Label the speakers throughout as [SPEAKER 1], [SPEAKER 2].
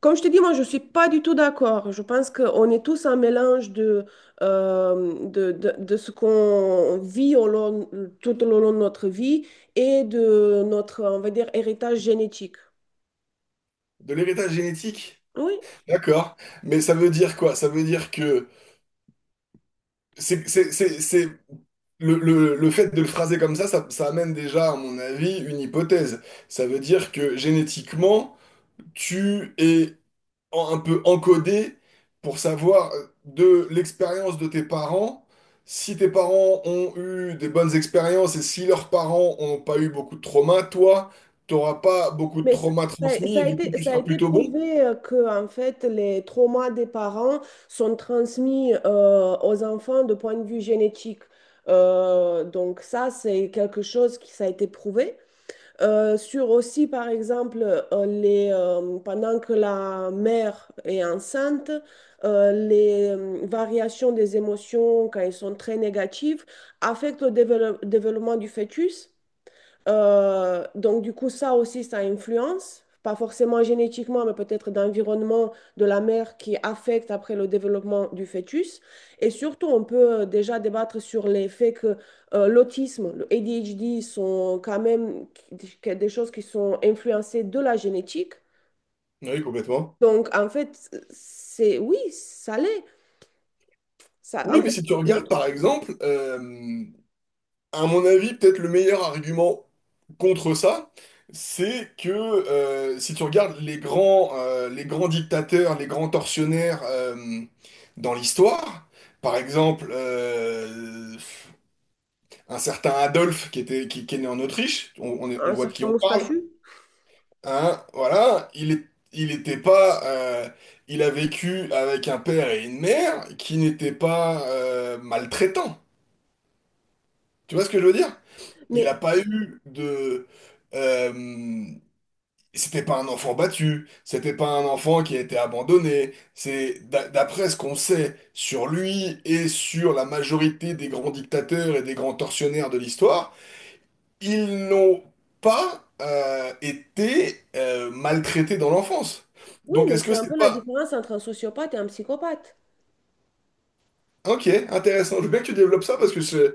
[SPEAKER 1] Comme je te dis, moi, je ne suis pas du tout d'accord. Je pense qu'on est tous un mélange de ce qu'on vit tout au long de notre vie et de notre, on va dire, héritage génétique.
[SPEAKER 2] De l'héritage génétique?
[SPEAKER 1] Oui,
[SPEAKER 2] D'accord. Mais ça veut dire quoi? Ça veut dire que c'est, c'est, c'est, c'est- Le, le fait de le phraser comme ça, ça amène déjà, à mon avis, une hypothèse. Ça veut dire que génétiquement, tu es un peu encodé pour savoir de l'expérience de tes parents, si tes parents ont eu des bonnes expériences et si leurs parents n'ont pas eu beaucoup de traumas, toi, tu n'auras pas beaucoup de
[SPEAKER 1] mais c-
[SPEAKER 2] traumas
[SPEAKER 1] ça,
[SPEAKER 2] transmis
[SPEAKER 1] ça
[SPEAKER 2] et
[SPEAKER 1] a
[SPEAKER 2] du coup,
[SPEAKER 1] été,
[SPEAKER 2] tu
[SPEAKER 1] ça a
[SPEAKER 2] seras
[SPEAKER 1] été
[SPEAKER 2] plutôt bon.
[SPEAKER 1] prouvé que, en fait, les traumas des parents sont transmis aux enfants de point de vue génétique. Donc ça, c'est quelque chose qui ça a été prouvé. Sur aussi, par exemple, pendant que la mère est enceinte, les variations des émotions, quand elles sont très négatives, affectent le développement du fœtus. Donc, du coup, ça aussi, ça influence, pas forcément génétiquement, mais peut-être d'environnement de la mère qui affecte après le développement du fœtus. Et surtout, on peut déjà débattre sur les faits que l'autisme, le ADHD sont quand même des choses qui sont influencées de la génétique.
[SPEAKER 2] Oui, complètement.
[SPEAKER 1] Donc, en fait, c'est oui, ça l'est. Ça,
[SPEAKER 2] Oui,
[SPEAKER 1] en
[SPEAKER 2] mais
[SPEAKER 1] fait,
[SPEAKER 2] si tu regardes,
[SPEAKER 1] notre-
[SPEAKER 2] par exemple, à mon avis, peut-être le meilleur argument contre ça, c'est que si tu regardes les grands dictateurs, les grands tortionnaires dans l'histoire, par exemple, un certain Adolphe qui est né en Autriche,
[SPEAKER 1] un
[SPEAKER 2] on voit de qui
[SPEAKER 1] certain
[SPEAKER 2] on parle,
[SPEAKER 1] moustachu.
[SPEAKER 2] hein, voilà, il était pas, il a vécu avec un père et une mère qui n'étaient pas maltraitants. Tu vois ce que je veux dire? Il n'a
[SPEAKER 1] Mais
[SPEAKER 2] pas eu de... euh, c'était pas un enfant battu, c'était pas un enfant qui a été abandonné. C'est d'après ce qu'on sait sur lui et sur la majorité des grands dictateurs et des grands tortionnaires de l'histoire, ils n'ont pas été maltraités dans l'enfance.
[SPEAKER 1] oui,
[SPEAKER 2] Donc
[SPEAKER 1] mais
[SPEAKER 2] est-ce que
[SPEAKER 1] c'est un peu
[SPEAKER 2] c'est
[SPEAKER 1] la
[SPEAKER 2] pas...
[SPEAKER 1] différence entre un sociopathe et un psychopathe.
[SPEAKER 2] Ok, intéressant. Je veux bien que tu développes ça parce que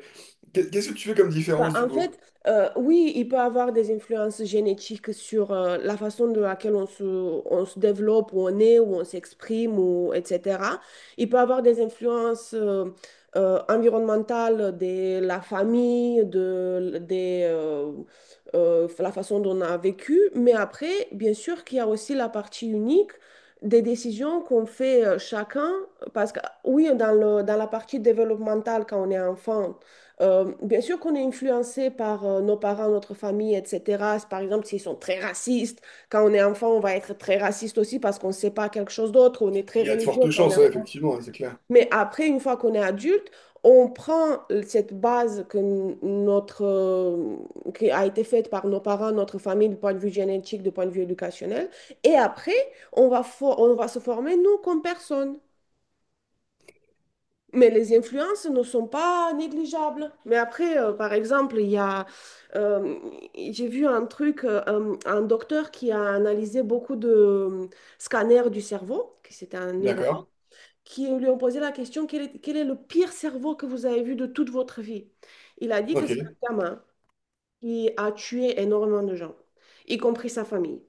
[SPEAKER 2] qu'est-ce que tu fais comme
[SPEAKER 1] Bah,
[SPEAKER 2] différence du
[SPEAKER 1] en
[SPEAKER 2] coup?
[SPEAKER 1] fait, oui, il peut avoir des influences génétiques sur la façon de laquelle on se développe, où on est, où on s'exprime, ou, etc. Il peut avoir des influences environnementales de la famille, la façon dont on a vécu. Mais après, bien sûr qu'il y a aussi la partie unique des décisions qu'on fait chacun. Parce que oui, dans la partie développementale, quand on est enfant, bien sûr qu'on est influencé par nos parents, notre famille, etc. Par exemple, s'ils sont très racistes, quand on est enfant, on va être très raciste aussi parce qu'on ne sait pas quelque chose d'autre, on est très
[SPEAKER 2] Il y a de
[SPEAKER 1] religieux
[SPEAKER 2] fortes
[SPEAKER 1] quand on est
[SPEAKER 2] chances, ouais,
[SPEAKER 1] enfant.
[SPEAKER 2] effectivement, ouais, c'est clair.
[SPEAKER 1] Mais après, une fois qu'on est adulte, on prend cette base que qui a été faite par nos parents, notre famille, du point de vue génétique, du point de vue éducationnel, et après, on va se former, nous, comme personne. Mais les influences ne sont pas négligeables. Mais après, par exemple, euh, j'ai vu un truc, un docteur qui a analysé beaucoup de scanners du cerveau, qui c'était un neurologue,
[SPEAKER 2] D'accord.
[SPEAKER 1] qui lui ont posé la question, quel est le pire cerveau que vous avez vu de toute votre vie? Il a dit que c'est
[SPEAKER 2] Ok.
[SPEAKER 1] un gamin qui a tué énormément de gens, y compris sa famille.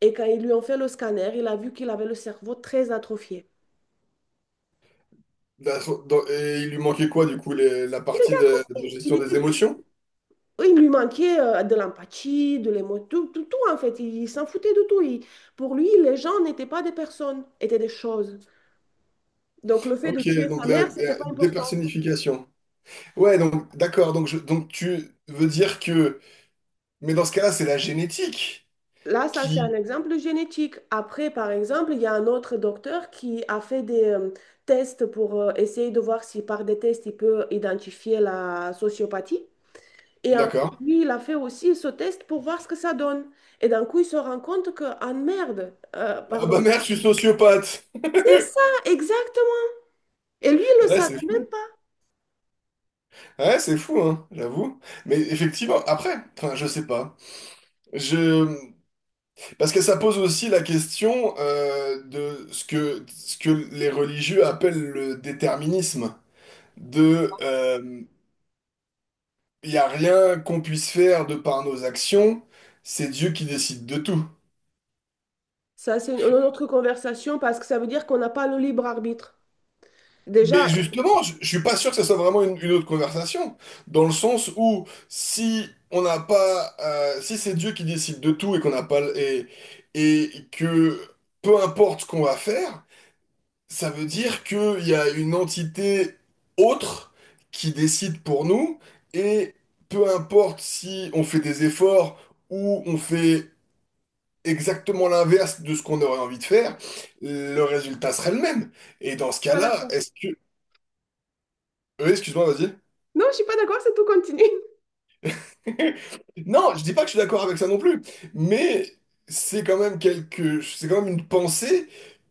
[SPEAKER 1] Et quand ils lui ont fait le scanner, il a vu qu'il avait le cerveau très atrophié.
[SPEAKER 2] Bah, Et il lui manquait quoi du coup la
[SPEAKER 1] Il
[SPEAKER 2] partie
[SPEAKER 1] était
[SPEAKER 2] de
[SPEAKER 1] atrophié, il
[SPEAKER 2] gestion
[SPEAKER 1] était
[SPEAKER 2] des émotions?
[SPEAKER 1] Il lui manquait de l'empathie, de l'émotion, tout, tout, tout, en fait. Il s'en foutait de tout. Pour lui, les gens n'étaient pas des personnes, étaient des choses. Donc le fait de
[SPEAKER 2] Ok,
[SPEAKER 1] tuer
[SPEAKER 2] donc
[SPEAKER 1] sa
[SPEAKER 2] là,
[SPEAKER 1] mère, c'était pas important.
[SPEAKER 2] dépersonnification. Ouais, donc d'accord, donc, donc tu veux dire que... Mais dans ce cas-là, c'est la génétique
[SPEAKER 1] Là, ça, c'est un
[SPEAKER 2] qui...
[SPEAKER 1] exemple génétique. Après, par exemple, il y a un autre docteur qui a fait des tests pour essayer de voir si par des tests, il peut identifier la sociopathie. Et en fait,
[SPEAKER 2] D'accord.
[SPEAKER 1] lui, il a fait aussi ce test pour voir ce que ça donne. Et d'un coup, il se rend compte que, ah merde,
[SPEAKER 2] Ah bah
[SPEAKER 1] pardon,
[SPEAKER 2] merde, je suis sociopathe.
[SPEAKER 1] c'est ça, exactement. Lui, il le
[SPEAKER 2] Ouais,
[SPEAKER 1] savait
[SPEAKER 2] c'est
[SPEAKER 1] même
[SPEAKER 2] fou.
[SPEAKER 1] pas.
[SPEAKER 2] Ouais, c'est fou, hein, j'avoue. Mais effectivement, après, enfin, je sais pas. Je... Parce que ça pose aussi la question de ce que les religieux appellent le déterminisme de il n'y a rien qu'on puisse faire de par nos actions, c'est Dieu qui décide de tout.
[SPEAKER 1] Ça, c'est une autre conversation parce que ça veut dire qu'on n'a pas le libre arbitre.
[SPEAKER 2] Mais oui,
[SPEAKER 1] Déjà, je suis
[SPEAKER 2] justement, je suis pas sûr que ça soit vraiment une autre conversation, dans le sens où si on n'a pas, si c'est Dieu qui décide de tout et qu'on n'a pas, et que peu importe ce qu'on va faire, ça veut dire qu'il y a une entité autre qui décide pour nous et peu importe si on fait des efforts ou on fait exactement l'inverse de ce qu'on aurait envie de faire, le résultat serait le même. Et dans ce
[SPEAKER 1] pas
[SPEAKER 2] cas-là,
[SPEAKER 1] d'accord.
[SPEAKER 2] est-ce que... Oui, excuse-moi, vas-y.
[SPEAKER 1] Non, je suis pas d'accord, c'est tout, continue.
[SPEAKER 2] Non, je dis pas que je suis d'accord avec ça non plus, mais c'est quand même c'est quand même une pensée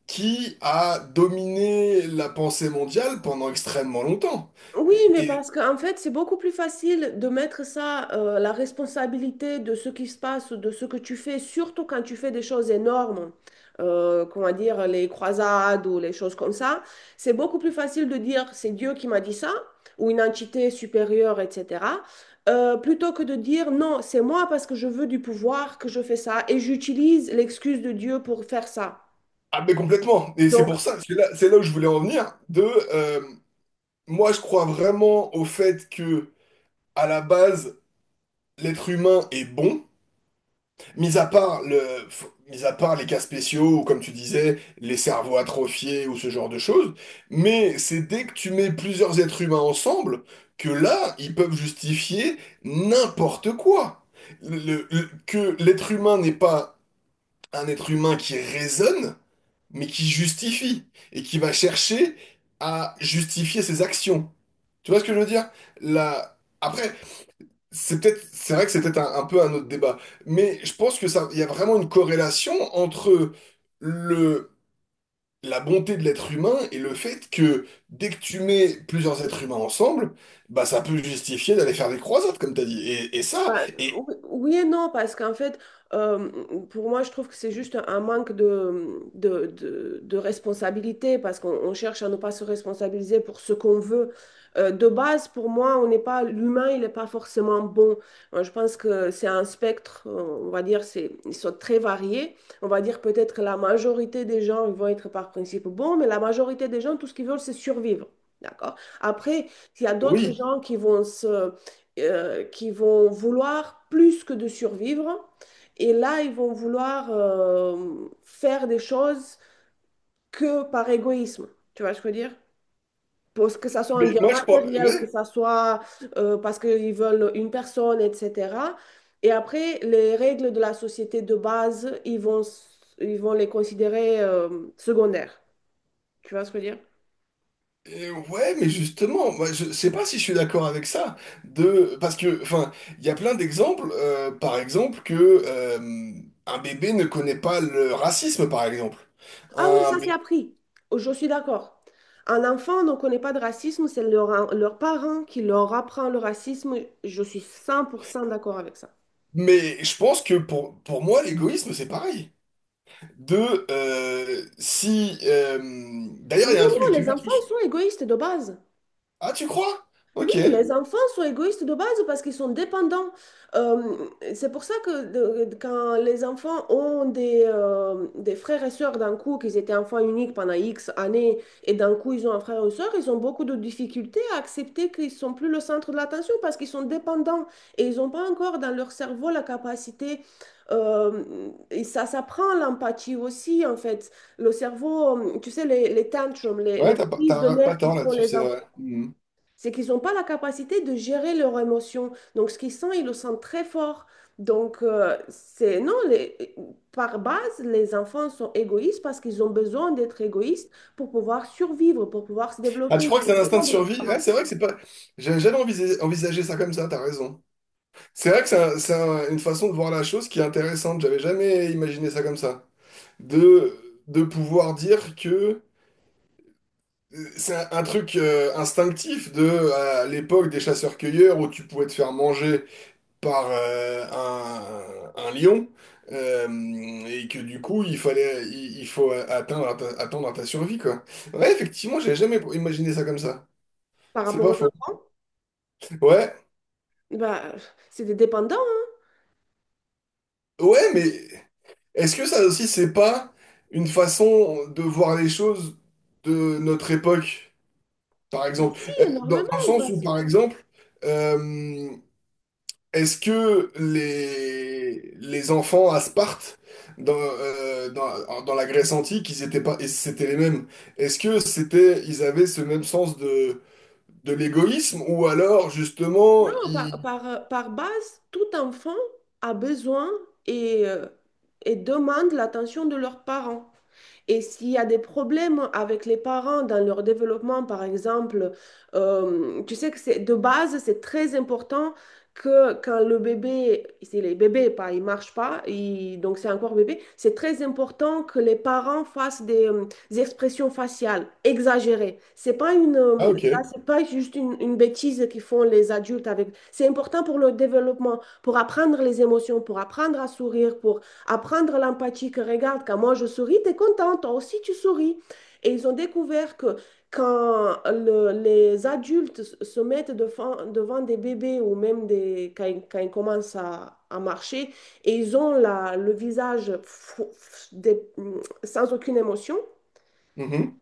[SPEAKER 2] qui a dominé la pensée mondiale pendant extrêmement longtemps.
[SPEAKER 1] Oui, mais
[SPEAKER 2] Et...
[SPEAKER 1] parce qu'en fait, c'est beaucoup plus facile de mettre ça, la responsabilité de ce qui se passe, de ce que tu fais, surtout quand tu fais des choses énormes, comment dire, les croisades ou les choses comme ça. C'est beaucoup plus facile de dire c'est Dieu qui m'a dit ça, ou une entité supérieure, etc., plutôt que de dire non, c'est moi parce que je veux du pouvoir que je fais ça et j'utilise l'excuse de Dieu pour faire ça.
[SPEAKER 2] Ah, mais complètement. Et c'est
[SPEAKER 1] Donc,
[SPEAKER 2] pour ça, c'est là où je voulais en venir, de... euh, moi, je crois vraiment au fait que, à la base, l'être humain est bon. Mis à part le, mis à part les cas spéciaux, ou comme tu disais, les cerveaux atrophiés ou ce genre de choses, mais c'est dès que tu mets plusieurs êtres humains ensemble que là, ils peuvent justifier n'importe quoi. Que l'être humain n'est pas un être humain qui raisonne, mais qui justifie et qui va chercher à justifier ses actions. Tu vois ce que je veux dire? La... Après, c'est vrai que c'est peut-être un peu un autre débat, mais je pense que ça, il y a vraiment une corrélation entre le, la bonté de l'être humain et le fait que dès que tu mets plusieurs êtres humains ensemble, bah ça peut justifier d'aller faire des croisades, comme t'as dit. Et, et ça,
[SPEAKER 1] Bah,
[SPEAKER 2] et
[SPEAKER 1] oui oui et non, parce qu'en fait, euh, pour moi, je trouve que c'est juste un manque de responsabilité, parce qu'on on cherche à ne pas se responsabiliser pour ce qu'on veut. De base, pour moi, on n'est pas, l'humain, il n'est pas forcément bon. Moi, je pense que c'est un spectre, on va dire, ils sont très variés. On va dire peut-être que la majorité des gens ils vont être par principe bons, mais la majorité des gens, tout ce qu'ils veulent, c'est survivre. D'accord? Après, il y a d'autres
[SPEAKER 2] Oui,
[SPEAKER 1] gens qui vont vouloir plus que de survivre. Et là, ils vont vouloir faire des choses que par égoïsme. Tu vois ce que je veux dire? Parce que ça soit
[SPEAKER 2] mais
[SPEAKER 1] un bien
[SPEAKER 2] moi je crois,
[SPEAKER 1] matériel, que
[SPEAKER 2] ouais.
[SPEAKER 1] ça soit parce qu'ils veulent une personne, etc. Et après, les règles de la société de base, ils vont les considérer secondaires. Tu vois ce que je veux dire?
[SPEAKER 2] Ouais, mais justement, moi, je sais pas si je suis d'accord avec ça, de parce que, enfin, il y a plein d'exemples, par exemple que euh, un bébé ne connaît pas le racisme, par exemple.
[SPEAKER 1] Ah oui,
[SPEAKER 2] Un
[SPEAKER 1] ça c'est
[SPEAKER 2] bé-
[SPEAKER 1] appris. Oh, je suis d'accord. Un enfant ne connaît pas de racisme, c'est leurs parents qui leur apprend le racisme. Je suis 100% d'accord avec ça.
[SPEAKER 2] Mais je pense que pour moi, l'égoïsme, c'est pareil. De si,
[SPEAKER 1] Oui,
[SPEAKER 2] d'ailleurs, il y a un
[SPEAKER 1] non,
[SPEAKER 2] truc, j'ai
[SPEAKER 1] les
[SPEAKER 2] vu un
[SPEAKER 1] enfants
[SPEAKER 2] truc.
[SPEAKER 1] sont égoïstes de base.
[SPEAKER 2] Ah, tu crois?
[SPEAKER 1] Oui,
[SPEAKER 2] Ok.
[SPEAKER 1] les enfants sont égoïstes de base parce qu'ils sont dépendants. Euh, c'est pour ça que quand les enfants ont des frères et sœurs d'un coup, qu'ils étaient enfants uniques pendant X années, et d'un coup ils ont un frère ou une sœur, ils ont beaucoup de difficultés à accepter qu'ils ne sont plus le centre de l'attention parce qu'ils sont dépendants et ils n'ont pas encore dans leur cerveau la capacité. euh, et ça s'apprend l'empathie aussi, en fait. Le cerveau, tu sais, les tantrums, les,
[SPEAKER 2] Ouais,
[SPEAKER 1] les crises de
[SPEAKER 2] t'as pas
[SPEAKER 1] nerfs qui
[SPEAKER 2] tort
[SPEAKER 1] font
[SPEAKER 2] là-dessus,
[SPEAKER 1] les
[SPEAKER 2] c'est
[SPEAKER 1] enfants,
[SPEAKER 2] vrai. Mhm.
[SPEAKER 1] c'est qu'ils n'ont pas la capacité de gérer leurs émotions. Donc, ce qu'ils sentent, ils le sentent très fort. Donc, c'est non, par base, les enfants sont égoïstes parce qu'ils ont besoin d'être égoïstes pour pouvoir survivre, pour pouvoir se
[SPEAKER 2] Ah,
[SPEAKER 1] développer.
[SPEAKER 2] tu crois
[SPEAKER 1] Ils
[SPEAKER 2] que c'est
[SPEAKER 1] ont
[SPEAKER 2] un instinct
[SPEAKER 1] besoin
[SPEAKER 2] de
[SPEAKER 1] de leurs
[SPEAKER 2] survie? Ouais,
[SPEAKER 1] parents.
[SPEAKER 2] c'est vrai que c'est pas. J'avais jamais envisagé envisagé ça comme ça. T'as raison. C'est vrai que une façon de voir la chose qui est intéressante. J'avais jamais imaginé ça comme ça. De, de pouvoir dire que c'est un truc instinctif de à l'époque des chasseurs-cueilleurs où tu pouvais te faire manger par un lion, euh, et que du coup il faut attendre à ta survie quoi. Ouais, effectivement, j'avais jamais imaginé ça comme ça.
[SPEAKER 1] Par
[SPEAKER 2] C'est
[SPEAKER 1] rapport aux
[SPEAKER 2] pas faux.
[SPEAKER 1] enfants,
[SPEAKER 2] Ouais,
[SPEAKER 1] bah, c'est des dépendants, hein.
[SPEAKER 2] ouais. Est-ce que ça aussi, c'est pas une façon de voir les choses de notre époque, par
[SPEAKER 1] Bah,
[SPEAKER 2] exemple?
[SPEAKER 1] si,
[SPEAKER 2] Dans, dans
[SPEAKER 1] énormément.
[SPEAKER 2] le sens où,
[SPEAKER 1] Parce que
[SPEAKER 2] par exemple, euh, est-ce que les enfants à Sparte, dans la Grèce antique, ils étaient pas, et c'était les mêmes? Est-ce que c'était, ils avaient ce même sens de l'égoïsme, ou alors, justement,
[SPEAKER 1] non, par,
[SPEAKER 2] ils...
[SPEAKER 1] par, par base, tout enfant a besoin et, euh, et demande l'attention de leurs parents. Et s'il y a des problèmes avec les parents dans leur développement, par exemple, tu sais que c'est de base, c'est très important que quand le bébé, c'est les bébés, pas, il marche pas, donc c'est encore bébé, c'est très important que les parents fassent des expressions faciales exagérées.
[SPEAKER 2] Ah, ok.
[SPEAKER 1] C'est pas juste une bêtise qu'ils font les adultes avec. C'est important pour le développement, pour apprendre les émotions, pour apprendre à sourire, pour apprendre l'empathie, que regarde, quand moi je souris, t'es contente, toi aussi tu souris. Et ils ont découvert que quand les adultes se mettent devant des bébés ou même quand ils commencent à marcher et ils ont le visage sans aucune émotion,
[SPEAKER 2] Mhm.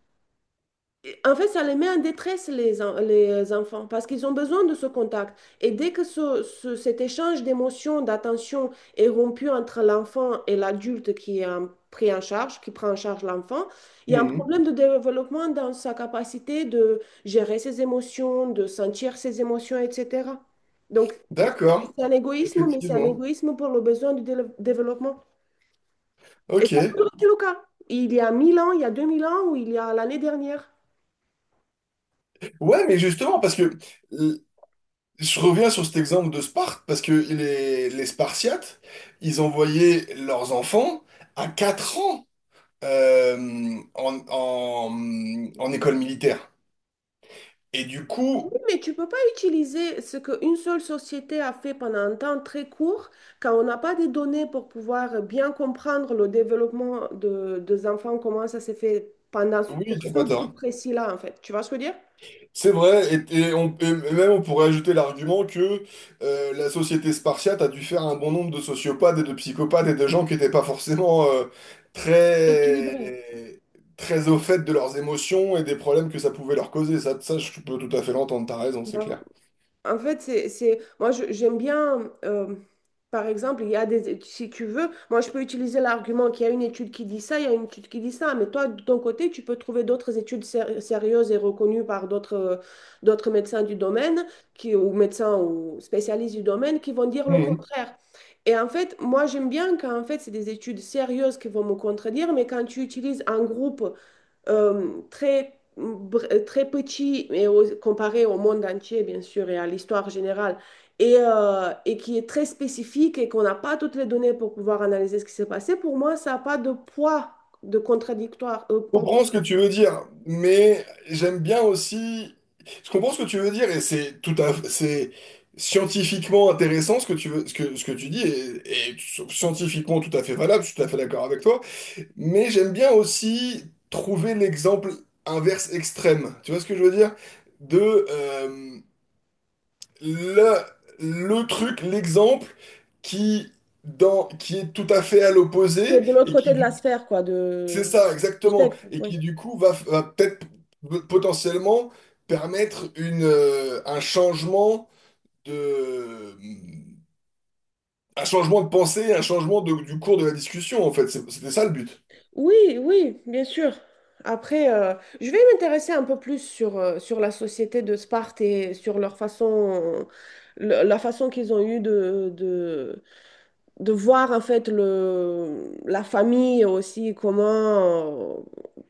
[SPEAKER 1] et en fait, ça les met en détresse, les enfants, parce qu'ils ont besoin de ce contact. Et dès que cet échange d'émotions, d'attention est rompu entre l'enfant et l'adulte qui est pris en charge, qui prend en charge l'enfant, il y a un
[SPEAKER 2] Mhm.
[SPEAKER 1] problème de développement dans sa capacité de gérer ses émotions, de sentir ses émotions, etc. Donc,
[SPEAKER 2] D'accord.
[SPEAKER 1] c'est un égoïsme, mais c'est un
[SPEAKER 2] Effectivement.
[SPEAKER 1] égoïsme pour le besoin du développement. Et
[SPEAKER 2] Ok.
[SPEAKER 1] ça a toujours été le cas. Il y a 1 000 ans, il y a 2 000 ans, ou il y a l'année dernière.
[SPEAKER 2] Ouais, mais justement, parce que euh, je reviens sur cet exemple de Sparte, parce que les Spartiates, ils envoyaient leurs enfants à 4 ans euh, en, en, en école militaire. Et du
[SPEAKER 1] Oui,
[SPEAKER 2] coup,
[SPEAKER 1] mais tu peux pas utiliser ce qu'une seule société a fait pendant un temps très court quand on n'a pas des données pour pouvoir bien comprendre le développement des enfants, comment ça s'est fait
[SPEAKER 2] oui,
[SPEAKER 1] pour
[SPEAKER 2] t'as
[SPEAKER 1] ce
[SPEAKER 2] pas
[SPEAKER 1] groupe
[SPEAKER 2] tort.
[SPEAKER 1] précis-là, en fait. Tu vois ce que je veux dire?
[SPEAKER 2] C'est vrai, et même on pourrait ajouter l'argument que la société spartiate a dû faire un bon nombre de sociopathes et de psychopathes et de gens qui n'étaient pas forcément très,
[SPEAKER 1] Équilibré.
[SPEAKER 2] très au fait de leurs émotions et des problèmes que ça pouvait leur causer. Ça, je peux tout à fait l'entendre, t'as raison, c'est
[SPEAKER 1] Bah,
[SPEAKER 2] clair.
[SPEAKER 1] en fait, moi, j'aime bien, par exemple, il y a des, si tu veux, moi, je peux utiliser l'argument qu'il y a une étude qui dit ça, il y a une étude qui dit ça, mais toi, de ton côté, tu peux trouver d'autres études sérieuses et reconnues par d'autres médecins du domaine, qui, ou médecins ou spécialistes du domaine, qui vont dire le
[SPEAKER 2] Mhm.
[SPEAKER 1] contraire. Et en fait, moi, j'aime bien quand, en fait, c'est des études sérieuses qui vont me contredire, mais quand tu utilises un groupe très, très petit et comparé au monde entier, bien sûr, et à l'histoire générale, et qui est très spécifique et qu'on n'a pas toutes les données pour pouvoir analyser ce qui s'est passé, pour moi, ça n'a pas de poids de contradictoire,
[SPEAKER 2] Je comprends ce que tu veux dire, mais j'aime bien aussi. Je comprends ce que tu veux dire et c'est tout à c'est scientifiquement intéressant ce que tu veux, ce que tu dis et scientifiquement tout à fait valable, je suis tout à fait d'accord avec toi. Mais j'aime bien aussi trouver l'exemple inverse extrême. Tu vois ce que je veux dire? De le, le truc, l'exemple qui dans qui est tout à fait à l'opposé
[SPEAKER 1] qui est de l'autre
[SPEAKER 2] et
[SPEAKER 1] côté
[SPEAKER 2] qui
[SPEAKER 1] de la
[SPEAKER 2] du
[SPEAKER 1] sphère, quoi,
[SPEAKER 2] c'est ça,
[SPEAKER 1] du
[SPEAKER 2] exactement.
[SPEAKER 1] spectre.
[SPEAKER 2] Et
[SPEAKER 1] Oui,
[SPEAKER 2] qui, du coup, va peut-être potentiellement permettre une, un changement de, mm, un changement de pensée, un changement du cours de la discussion, en fait. C'était ça le but.
[SPEAKER 1] oui, oui, bien sûr. Après, je vais m'intéresser un peu plus sur la société de Sparte et sur leur façon, la façon qu'ils ont eu de voir en fait la famille aussi, comment,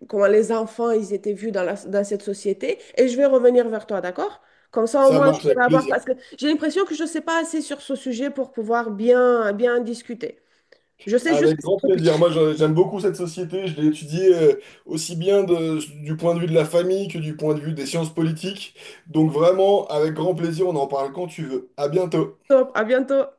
[SPEAKER 1] comment les enfants ils étaient vus dans cette société. Et je vais revenir vers toi, d'accord? Comme ça, au
[SPEAKER 2] Ça
[SPEAKER 1] moins, je
[SPEAKER 2] marche
[SPEAKER 1] pourrais
[SPEAKER 2] avec
[SPEAKER 1] avoir, parce
[SPEAKER 2] plaisir.
[SPEAKER 1] que j'ai l'impression que je ne sais pas assez sur ce sujet pour pouvoir bien, bien discuter. Je sais juste
[SPEAKER 2] Avec
[SPEAKER 1] que c'est
[SPEAKER 2] grand
[SPEAKER 1] trop petit.
[SPEAKER 2] plaisir. Moi, j'aime beaucoup cette société. Je l'ai étudiée aussi bien du point de vue de la famille que du point de vue des sciences politiques. Donc, vraiment, avec grand plaisir, on en parle quand tu veux. À bientôt.
[SPEAKER 1] Top, à bientôt.